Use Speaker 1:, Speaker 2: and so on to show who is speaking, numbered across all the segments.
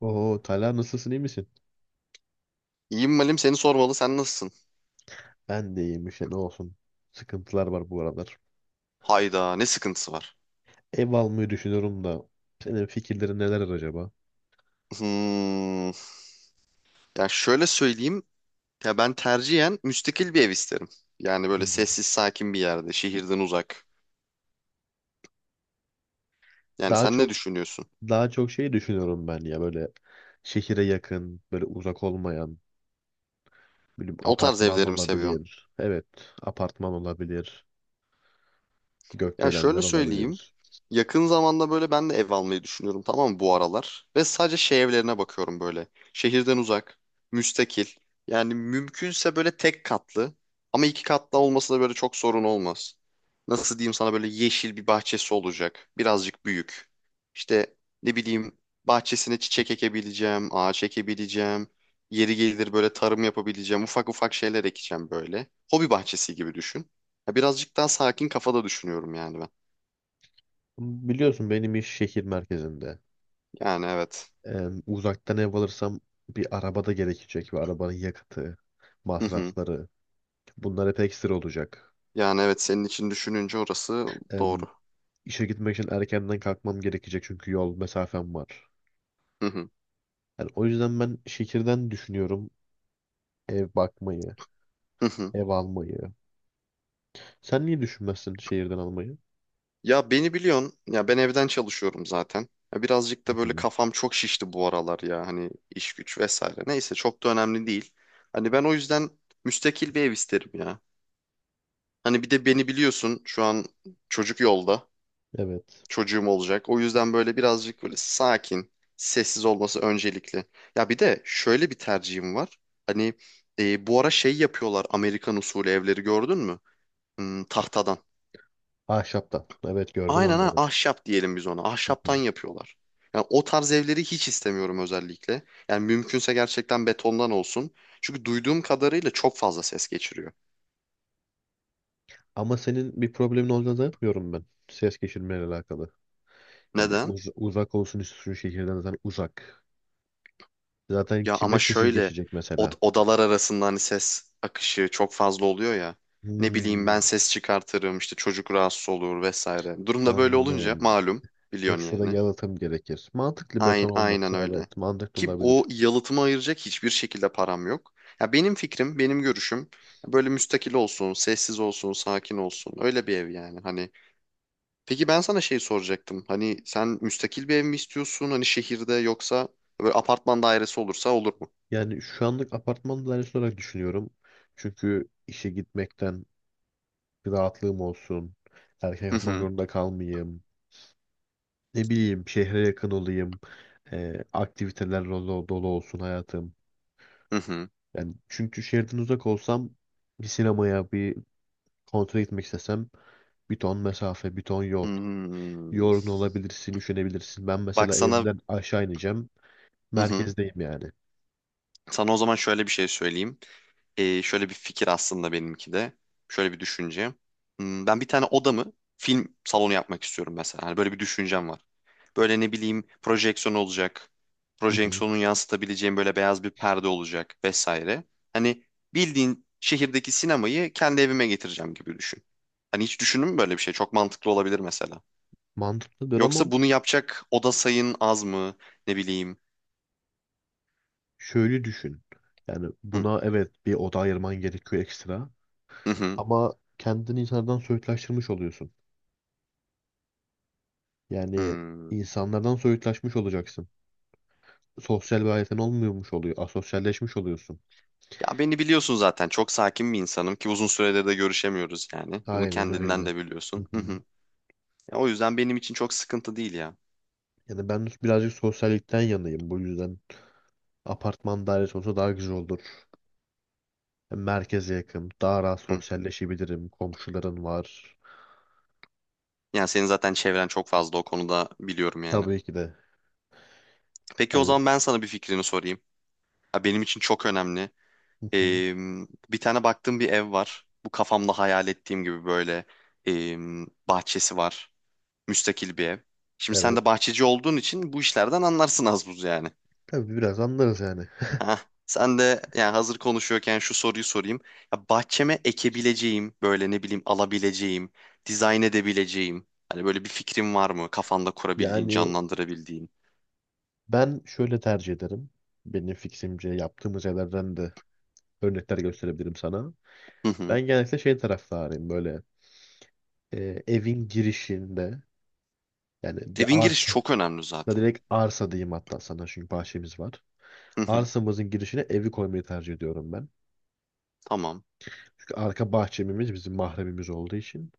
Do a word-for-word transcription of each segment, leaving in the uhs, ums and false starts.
Speaker 1: Oo Talha, nasılsın, iyi misin?
Speaker 2: İyiyim Malim, seni sormalı, sen nasılsın?
Speaker 1: Ben de iyiyim işte, ne olsun. Sıkıntılar var bu aralar.
Speaker 2: Hayda, ne sıkıntısı var?
Speaker 1: Ev almayı düşünüyorum da senin fikirlerin neler acaba?
Speaker 2: Hmm. Ya şöyle söyleyeyim. Ya ben tercihen müstakil bir ev isterim. Yani böyle
Speaker 1: Hmm.
Speaker 2: sessiz sakin bir yerde, şehirden uzak. Yani
Speaker 1: Daha
Speaker 2: sen ne
Speaker 1: çok
Speaker 2: düşünüyorsun?
Speaker 1: daha çok şey düşünüyorum ben, ya böyle şehire yakın, böyle uzak olmayan, böyle
Speaker 2: O tarz
Speaker 1: apartman
Speaker 2: evleri mi seviyorsun?
Speaker 1: olabilir. Evet, apartman olabilir.
Speaker 2: Ya
Speaker 1: Gökdelenler
Speaker 2: şöyle söyleyeyim.
Speaker 1: olabilir.
Speaker 2: Yakın zamanda böyle ben de ev almayı düşünüyorum, tamam mı, bu aralar. Ve sadece şey evlerine bakıyorum böyle. Şehirden uzak, müstakil. Yani mümkünse böyle tek katlı. Ama iki katlı olması da böyle çok sorun olmaz. Nasıl diyeyim sana, böyle yeşil bir bahçesi olacak. Birazcık büyük. İşte ne bileyim, bahçesine çiçek ekebileceğim, ağaç ekebileceğim. Yeri gelir böyle tarım yapabileceğim. Ufak ufak şeyler ekeceğim böyle. Hobi bahçesi gibi düşün. Ya birazcık daha sakin kafada düşünüyorum yani ben.
Speaker 1: Biliyorsun benim iş şehir merkezinde.
Speaker 2: Yani evet.
Speaker 1: Ee, Uzaktan ev alırsam bir araba da gerekecek ve arabanın yakıtı,
Speaker 2: Hı hı.
Speaker 1: masrafları, bunlar hep ekstra olacak.
Speaker 2: Yani evet, senin için düşününce orası
Speaker 1: em,
Speaker 2: doğru.
Speaker 1: işe gitmek için erkenden kalkmam gerekecek çünkü yol mesafem var.
Speaker 2: Hı hı.
Speaker 1: Yani o yüzden ben şehirden düşünüyorum ev bakmayı,
Speaker 2: Hı hı.
Speaker 1: ev almayı. Sen niye düşünmezsin şehirden almayı?
Speaker 2: Ya beni biliyorsun. Ya ben evden çalışıyorum zaten. Ya birazcık da
Speaker 1: Hı
Speaker 2: böyle
Speaker 1: hı.
Speaker 2: kafam çok şişti bu aralar ya. Hani iş güç vesaire. Neyse, çok da önemli değil. Hani ben o yüzden müstakil bir ev isterim ya. Hani bir de beni biliyorsun, şu an çocuk yolda.
Speaker 1: Evet.
Speaker 2: Çocuğum olacak. O yüzden böyle birazcık böyle sakin, sessiz olması öncelikli. Ya bir de şöyle bir tercihim var. Hani e, bu ara şey yapıyorlar, Amerikan usulü evleri gördün mü? Hmm, tahtadan.
Speaker 1: Ahşaptan. Evet, gördüm
Speaker 2: Aynen, ha
Speaker 1: onları.
Speaker 2: ahşap diyelim biz ona.
Speaker 1: Hı
Speaker 2: Ahşaptan
Speaker 1: hı.
Speaker 2: yapıyorlar. Yani o tarz evleri hiç istemiyorum özellikle. Yani mümkünse gerçekten betondan olsun. Çünkü duyduğum kadarıyla çok fazla ses geçiriyor.
Speaker 1: Ama senin bir problemin olacağını zannetmiyorum ben, ses geçirmeyle alakalı. Yani
Speaker 2: Neden?
Speaker 1: uz- uzak olsun istiyorsun, şehirden zaten uzak. Zaten
Speaker 2: Ya
Speaker 1: kime
Speaker 2: ama
Speaker 1: sesin
Speaker 2: şöyle,
Speaker 1: geçecek
Speaker 2: od-
Speaker 1: mesela?
Speaker 2: odalar arasında hani ses akışı çok fazla oluyor ya. Ne bileyim,
Speaker 1: Hmm,
Speaker 2: ben ses çıkartırım işte, çocuk rahatsız olur vesaire. Durumda böyle olunca
Speaker 1: anladım.
Speaker 2: malum biliyorsun
Speaker 1: Ekstra
Speaker 2: yani.
Speaker 1: yalıtım gerekir. Mantıklı,
Speaker 2: Aynen,
Speaker 1: beton
Speaker 2: aynen
Speaker 1: olması
Speaker 2: öyle.
Speaker 1: evet mantıklı
Speaker 2: Ki o
Speaker 1: olabilir.
Speaker 2: yalıtımı ayıracak hiçbir şekilde param yok. Ya benim fikrim, benim görüşüm böyle müstakil olsun, sessiz olsun, sakin olsun. Öyle bir ev yani hani. Peki ben sana şey soracaktım. Hani sen müstakil bir ev mi istiyorsun? Hani şehirde, yoksa böyle apartman dairesi olursa olur mu?
Speaker 1: Yani şu anlık apartman dairesi olarak düşünüyorum. Çünkü işe gitmekten bir rahatlığım olsun. Erken
Speaker 2: Hı
Speaker 1: yatmak
Speaker 2: hı.
Speaker 1: zorunda kalmayayım. Ne bileyim, şehre yakın olayım. Ee, aktiviteler dolu, dolu olsun hayatım.
Speaker 2: Hı hı.
Speaker 1: Yani çünkü şehirden uzak olsam, bir sinemaya, bir konsere gitmek istesem, bir ton mesafe, bir ton yol.
Speaker 2: Hmm.
Speaker 1: Yorgun olabilirsin, üşenebilirsin. Ben
Speaker 2: Bak
Speaker 1: mesela
Speaker 2: sana.
Speaker 1: evden aşağı ineceğim.
Speaker 2: Hı hı.
Speaker 1: Merkezdeyim yani.
Speaker 2: Sana o zaman şöyle bir şey söyleyeyim. Ee, şöyle bir fikir aslında benimki de. Şöyle bir düşünce. Hmm, ben bir tane odamı film salonu yapmak istiyorum mesela. Hani böyle bir düşüncem var. Böyle ne bileyim, projeksiyon olacak.
Speaker 1: Hı hı.
Speaker 2: Projeksiyonun yansıtabileceğim böyle beyaz bir perde olacak vesaire. Hani bildiğin şehirdeki sinemayı kendi evime getireceğim gibi düşün. Hani hiç düşündün mü böyle bir şey? Çok mantıklı olabilir mesela.
Speaker 1: Mantıklıdır ama
Speaker 2: Yoksa bunu yapacak oda sayın az mı? Ne bileyim.
Speaker 1: şöyle düşün. Yani
Speaker 2: Hı
Speaker 1: buna evet, bir oda ayırman gerekiyor ekstra.
Speaker 2: hı. Hı.
Speaker 1: Ama kendini insanlardan soyutlaştırmış oluyorsun. Yani
Speaker 2: Hmm.
Speaker 1: insanlardan soyutlaşmış olacaksın. Sosyal bir hayatın olmuyormuş oluyor. Asosyalleşmiş oluyorsun.
Speaker 2: Ya beni biliyorsun zaten. Çok sakin bir insanım, ki uzun süredir de görüşemiyoruz yani. Bunu
Speaker 1: Aynen
Speaker 2: kendinden
Speaker 1: öyle.
Speaker 2: de
Speaker 1: Hı
Speaker 2: biliyorsun.
Speaker 1: hı.
Speaker 2: Hı hı. Ya o yüzden benim için çok sıkıntı değil ya.
Speaker 1: Yani ben birazcık sosyallikten yanayım bu yüzden. Apartman dairesi olsa daha güzel olur. Merkeze yakın. Daha rahat
Speaker 2: Hı.
Speaker 1: sosyalleşebilirim. Komşuların var.
Speaker 2: Yani senin zaten çevren çok fazla o konuda, biliyorum yani.
Speaker 1: Tabii ki de.
Speaker 2: Peki o
Speaker 1: Yani
Speaker 2: zaman ben sana bir fikrini sorayım. Ya benim için çok önemli.
Speaker 1: hı hı.
Speaker 2: Ee, bir tane baktığım bir ev var. Bu kafamda hayal ettiğim gibi böyle ee, bahçesi var. Müstakil bir ev. Şimdi sen
Speaker 1: Evet.
Speaker 2: de bahçeci olduğun için bu işlerden anlarsın az buz yani.
Speaker 1: Tabii biraz anlarız yani.
Speaker 2: Heh, sen de yani hazır konuşuyorken şu soruyu sorayım. Ya bahçeme ekebileceğim, böyle ne bileyim alabileceğim, dizayn edebileceğim. Hani böyle bir fikrin var mı? Kafanda kurabildiğin,
Speaker 1: Yani
Speaker 2: canlandırabildiğin.
Speaker 1: ben şöyle tercih ederim. Benim fiksimce yaptığımız yerlerden de örnekler gösterebilirim sana.
Speaker 2: Hı hı.
Speaker 1: Ben genellikle şey taraftarıyım, böyle e, evin girişinde, yani de
Speaker 2: Evin girişi
Speaker 1: arsa,
Speaker 2: çok önemli
Speaker 1: da
Speaker 2: zaten.
Speaker 1: direkt arsa diyeyim hatta sana çünkü bahçemiz var.
Speaker 2: Hı hı.
Speaker 1: Arsamızın girişine evi koymayı tercih ediyorum ben.
Speaker 2: Tamam.
Speaker 1: Çünkü arka bahçemiz bizim mahremimiz olduğu için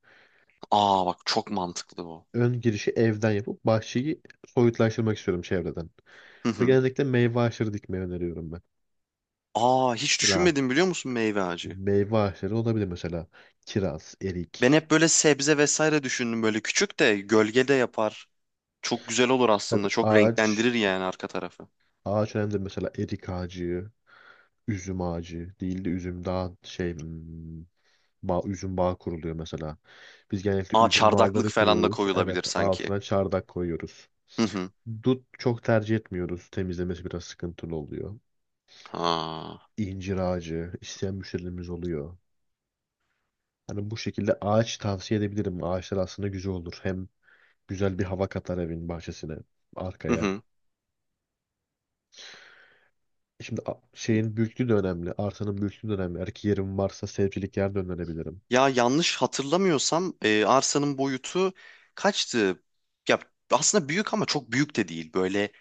Speaker 2: Aa bak, çok mantıklı bu.
Speaker 1: ön girişi evden yapıp bahçeyi soyutlaştırmak istiyorum çevreden.
Speaker 2: Hı
Speaker 1: Ve
Speaker 2: hı.
Speaker 1: genellikle meyve ağaçları dikmeyi öneriyorum ben.
Speaker 2: Aa, hiç
Speaker 1: Mesela
Speaker 2: düşünmedim biliyor musun, meyve ağacı?
Speaker 1: meyve ağaçları olabilir, mesela kiraz,
Speaker 2: Ben
Speaker 1: erik.
Speaker 2: hep böyle sebze vesaire düşündüm, böyle küçük de gölgede yapar. Çok güzel olur aslında.
Speaker 1: Tabii
Speaker 2: Çok
Speaker 1: ağaç,
Speaker 2: renklendirir yani arka tarafı.
Speaker 1: ağaç önemli. Mesela erik ağacı, üzüm ağacı değil de üzüm daha şey, hmm, bağ, üzüm bağı kuruluyor mesela. Biz genellikle
Speaker 2: Aa,
Speaker 1: üzüm
Speaker 2: çardaklık
Speaker 1: bağları
Speaker 2: falan da
Speaker 1: kuruyoruz.
Speaker 2: koyulabilir
Speaker 1: Evet,
Speaker 2: sanki.
Speaker 1: altına çardak koyuyoruz.
Speaker 2: Hı hı.
Speaker 1: Dut çok tercih etmiyoruz. Temizlemesi biraz sıkıntılı oluyor.
Speaker 2: Ha.
Speaker 1: İncir ağacı isteyen müşterilerimiz oluyor. Hani bu şekilde ağaç tavsiye edebilirim. Ağaçlar aslında güzel olur. Hem güzel bir hava katar evin bahçesine,
Speaker 2: Hı
Speaker 1: arkaya.
Speaker 2: hı.
Speaker 1: Şimdi a- şeyin büyüklüğü de önemli. Arsanın büyüklüğü de önemli. Eğer ki yerim varsa sevcilik yer dönebilirim.
Speaker 2: Ya yanlış hatırlamıyorsam e, arsanın boyutu kaçtı? Ya aslında büyük ama çok büyük de değil. Böyle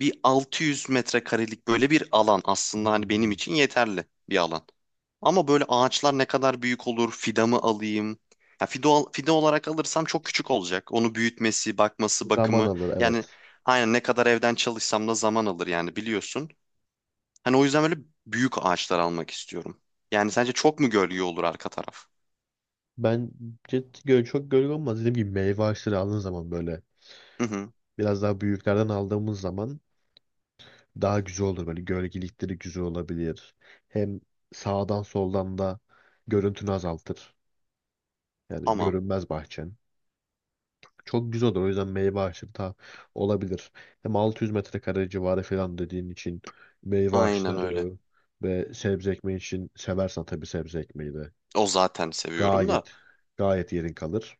Speaker 2: bir altı yüz metrekarelik böyle bir alan, aslında hani benim
Speaker 1: Hmm.
Speaker 2: için yeterli bir alan. Ama böyle ağaçlar ne kadar büyük olur? Fidanı alayım. Ya fido, al- fide olarak alırsam çok küçük olacak. Onu büyütmesi, bakması,
Speaker 1: Zaman
Speaker 2: bakımı.
Speaker 1: alır,
Speaker 2: Yani
Speaker 1: evet.
Speaker 2: aynen, ne kadar evden çalışsam da zaman alır yani biliyorsun. Hani o yüzden böyle büyük ağaçlar almak istiyorum. Yani sence çok mu gölge olur arka taraf?
Speaker 1: Bence göl çok gölge olmaz. Dediğim gibi meyve ağaçları aldığın zaman, böyle
Speaker 2: Hı hı,
Speaker 1: biraz daha büyüklerden aldığımız zaman daha güzel olur. Böyle gölgelikleri güzel olabilir. Hem sağdan soldan da görüntünü azaltır. Yani
Speaker 2: tamam.
Speaker 1: görünmez bahçen. Çok güzel olur. O yüzden meyve ağaçları da olabilir. Hem altı yüz metrekare civarı falan dediğin için meyve
Speaker 2: Aynen öyle.
Speaker 1: ağaçları ve sebze ekmeği için, seversen tabii sebze ekmeği de
Speaker 2: O zaten seviyorum da.
Speaker 1: gayet gayet yerin kalır.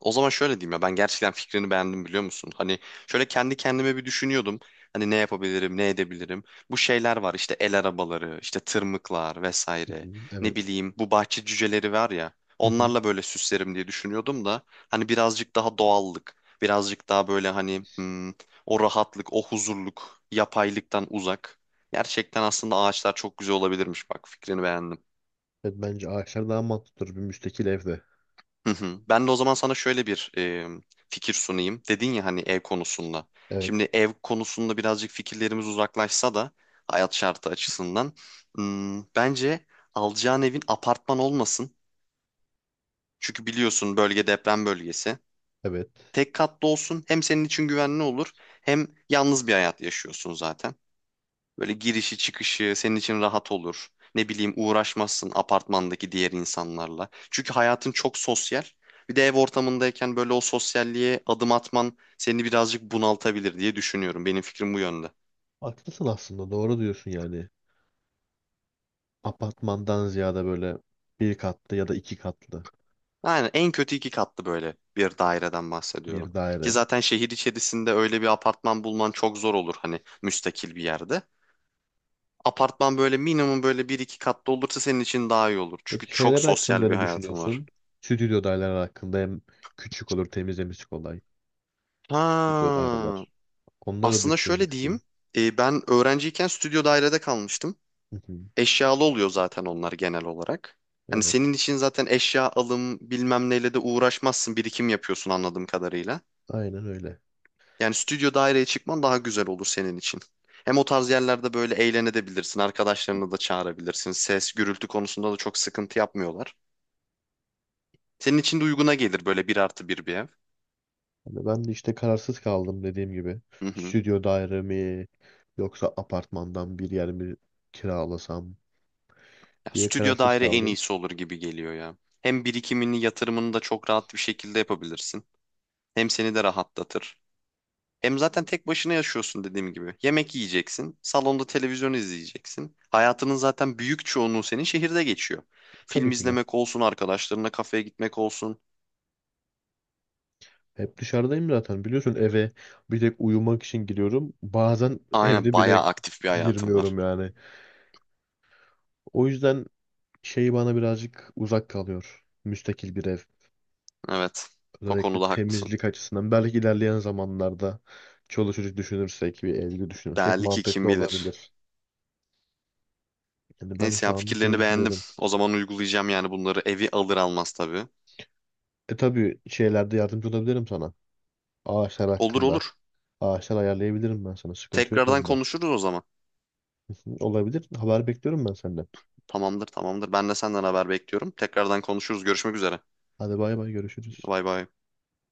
Speaker 2: O zaman şöyle diyeyim, ya ben gerçekten fikrini beğendim, biliyor musun? Hani şöyle kendi kendime bir düşünüyordum. Hani ne yapabilirim, ne edebilirim? Bu şeyler var işte, el arabaları, işte tırmıklar
Speaker 1: Hı hı,
Speaker 2: vesaire. Ne
Speaker 1: evet.
Speaker 2: bileyim, bu bahçe cüceleri var ya.
Speaker 1: Hı hı.
Speaker 2: Onlarla böyle süslerim diye düşünüyordum da hani birazcık daha doğallık, birazcık daha böyle hani, hmm, o rahatlık, o huzurluk, yapaylıktan uzak. Gerçekten aslında ağaçlar çok güzel olabilirmiş, bak fikrini beğendim.
Speaker 1: Evet, bence ağaçlar daha mantıklıdır bir müstakil evde.
Speaker 2: Hı hı. Ben de o zaman sana şöyle bir e, fikir sunayım. Dedin ya hani ev konusunda.
Speaker 1: Evet.
Speaker 2: Şimdi ev konusunda birazcık fikirlerimiz uzaklaşsa da, hayat şartı açısından, hmm, bence alacağın evin apartman olmasın. Çünkü biliyorsun, bölge deprem bölgesi.
Speaker 1: Evet.
Speaker 2: Tek katlı olsun, hem senin için güvenli olur, hem yalnız bir hayat yaşıyorsun zaten. Böyle girişi çıkışı senin için rahat olur. Ne bileyim, uğraşmazsın apartmandaki diğer insanlarla. Çünkü hayatın çok sosyal. Bir de ev ortamındayken böyle o sosyalliğe adım atman seni birazcık bunaltabilir diye düşünüyorum. Benim fikrim bu yönde.
Speaker 1: Haklısın aslında. Doğru diyorsun yani. Apartmandan ziyade böyle bir katlı ya da iki katlı
Speaker 2: Yani en kötü iki katlı, böyle bir daireden bahsediyorum.
Speaker 1: bir
Speaker 2: Ki
Speaker 1: daire.
Speaker 2: zaten şehir içerisinde öyle bir apartman bulman çok zor olur hani müstakil bir yerde. Apartman böyle minimum böyle bir iki katlı olursa senin için daha iyi olur. Çünkü
Speaker 1: Peki
Speaker 2: çok
Speaker 1: şeyler hakkında
Speaker 2: sosyal bir
Speaker 1: ne
Speaker 2: hayatın var.
Speaker 1: düşünüyorsun? Stüdyo daireler hakkında, hem küçük olur, temizlemesi kolay. Stüdyo
Speaker 2: Ha.
Speaker 1: daireler. Onları
Speaker 2: Aslında şöyle diyeyim.
Speaker 1: düşünmüştüm.
Speaker 2: E, ben öğrenciyken stüdyo dairede kalmıştım.
Speaker 1: Hı hı.
Speaker 2: Eşyalı oluyor zaten onlar genel olarak. Hani senin
Speaker 1: Evet,
Speaker 2: için zaten eşya alım bilmem neyle de uğraşmazsın. Birikim yapıyorsun anladığım kadarıyla.
Speaker 1: aynen öyle.
Speaker 2: Yani stüdyo daireye çıkman daha güzel olur senin için. Hem o tarz yerlerde böyle eğlenebilirsin. Arkadaşlarını da çağırabilirsin. Ses, gürültü konusunda da çok sıkıntı yapmıyorlar. Senin için de uyguna gelir böyle bir artı bir bir ev.
Speaker 1: Hani ben de işte kararsız kaldım dediğim gibi.
Speaker 2: Hı hı.
Speaker 1: Stüdyo daire mi yoksa apartmandan bir yer mi kiralasam
Speaker 2: Ya,
Speaker 1: diye
Speaker 2: stüdyo
Speaker 1: kararsız
Speaker 2: daire en
Speaker 1: kaldım.
Speaker 2: iyisi olur gibi geliyor ya. Hem birikimini, yatırımını da çok rahat bir şekilde yapabilirsin. Hem seni de rahatlatır. Hem zaten tek başına yaşıyorsun dediğim gibi. Yemek yiyeceksin, salonda televizyon izleyeceksin. Hayatının zaten büyük çoğunluğu senin şehirde geçiyor. Film
Speaker 1: Tabii ki de.
Speaker 2: izlemek olsun, arkadaşlarına kafeye gitmek olsun.
Speaker 1: Hep dışarıdayım zaten, biliyorsun eve bir tek uyumak için giriyorum. Bazen
Speaker 2: Aynen,
Speaker 1: evde
Speaker 2: bayağı
Speaker 1: bile
Speaker 2: aktif bir hayatım var.
Speaker 1: girmiyorum yani. O yüzden şeyi bana birazcık uzak kalıyor, müstakil bir ev.
Speaker 2: Evet, o
Speaker 1: Özellikle
Speaker 2: konuda haklısın.
Speaker 1: temizlik açısından. Belki ilerleyen zamanlarda çoluk çocuk düşünürsek, bir evli düşünürsek
Speaker 2: Belki
Speaker 1: mantıklı
Speaker 2: kim bilir.
Speaker 1: olabilir. Yani ben
Speaker 2: Neyse, ya
Speaker 1: şu anlık öyle
Speaker 2: fikirlerini beğendim.
Speaker 1: düşünüyorum.
Speaker 2: O zaman uygulayacağım yani bunları evi alır almaz tabii.
Speaker 1: E tabii şeylerde yardımcı olabilirim sana. Ağaçlar
Speaker 2: Olur
Speaker 1: hakkında.
Speaker 2: olur.
Speaker 1: Ağaçlar ayarlayabilirim ben sana. Sıkıntı yok
Speaker 2: Tekrardan
Speaker 1: onda.
Speaker 2: konuşuruz o zaman.
Speaker 1: Olabilir. Haber bekliyorum ben senden.
Speaker 2: Tamamdır tamamdır. Ben de senden haber bekliyorum. Tekrardan konuşuruz. Görüşmek üzere.
Speaker 1: Hadi bay bay, görüşürüz.
Speaker 2: Bay bay.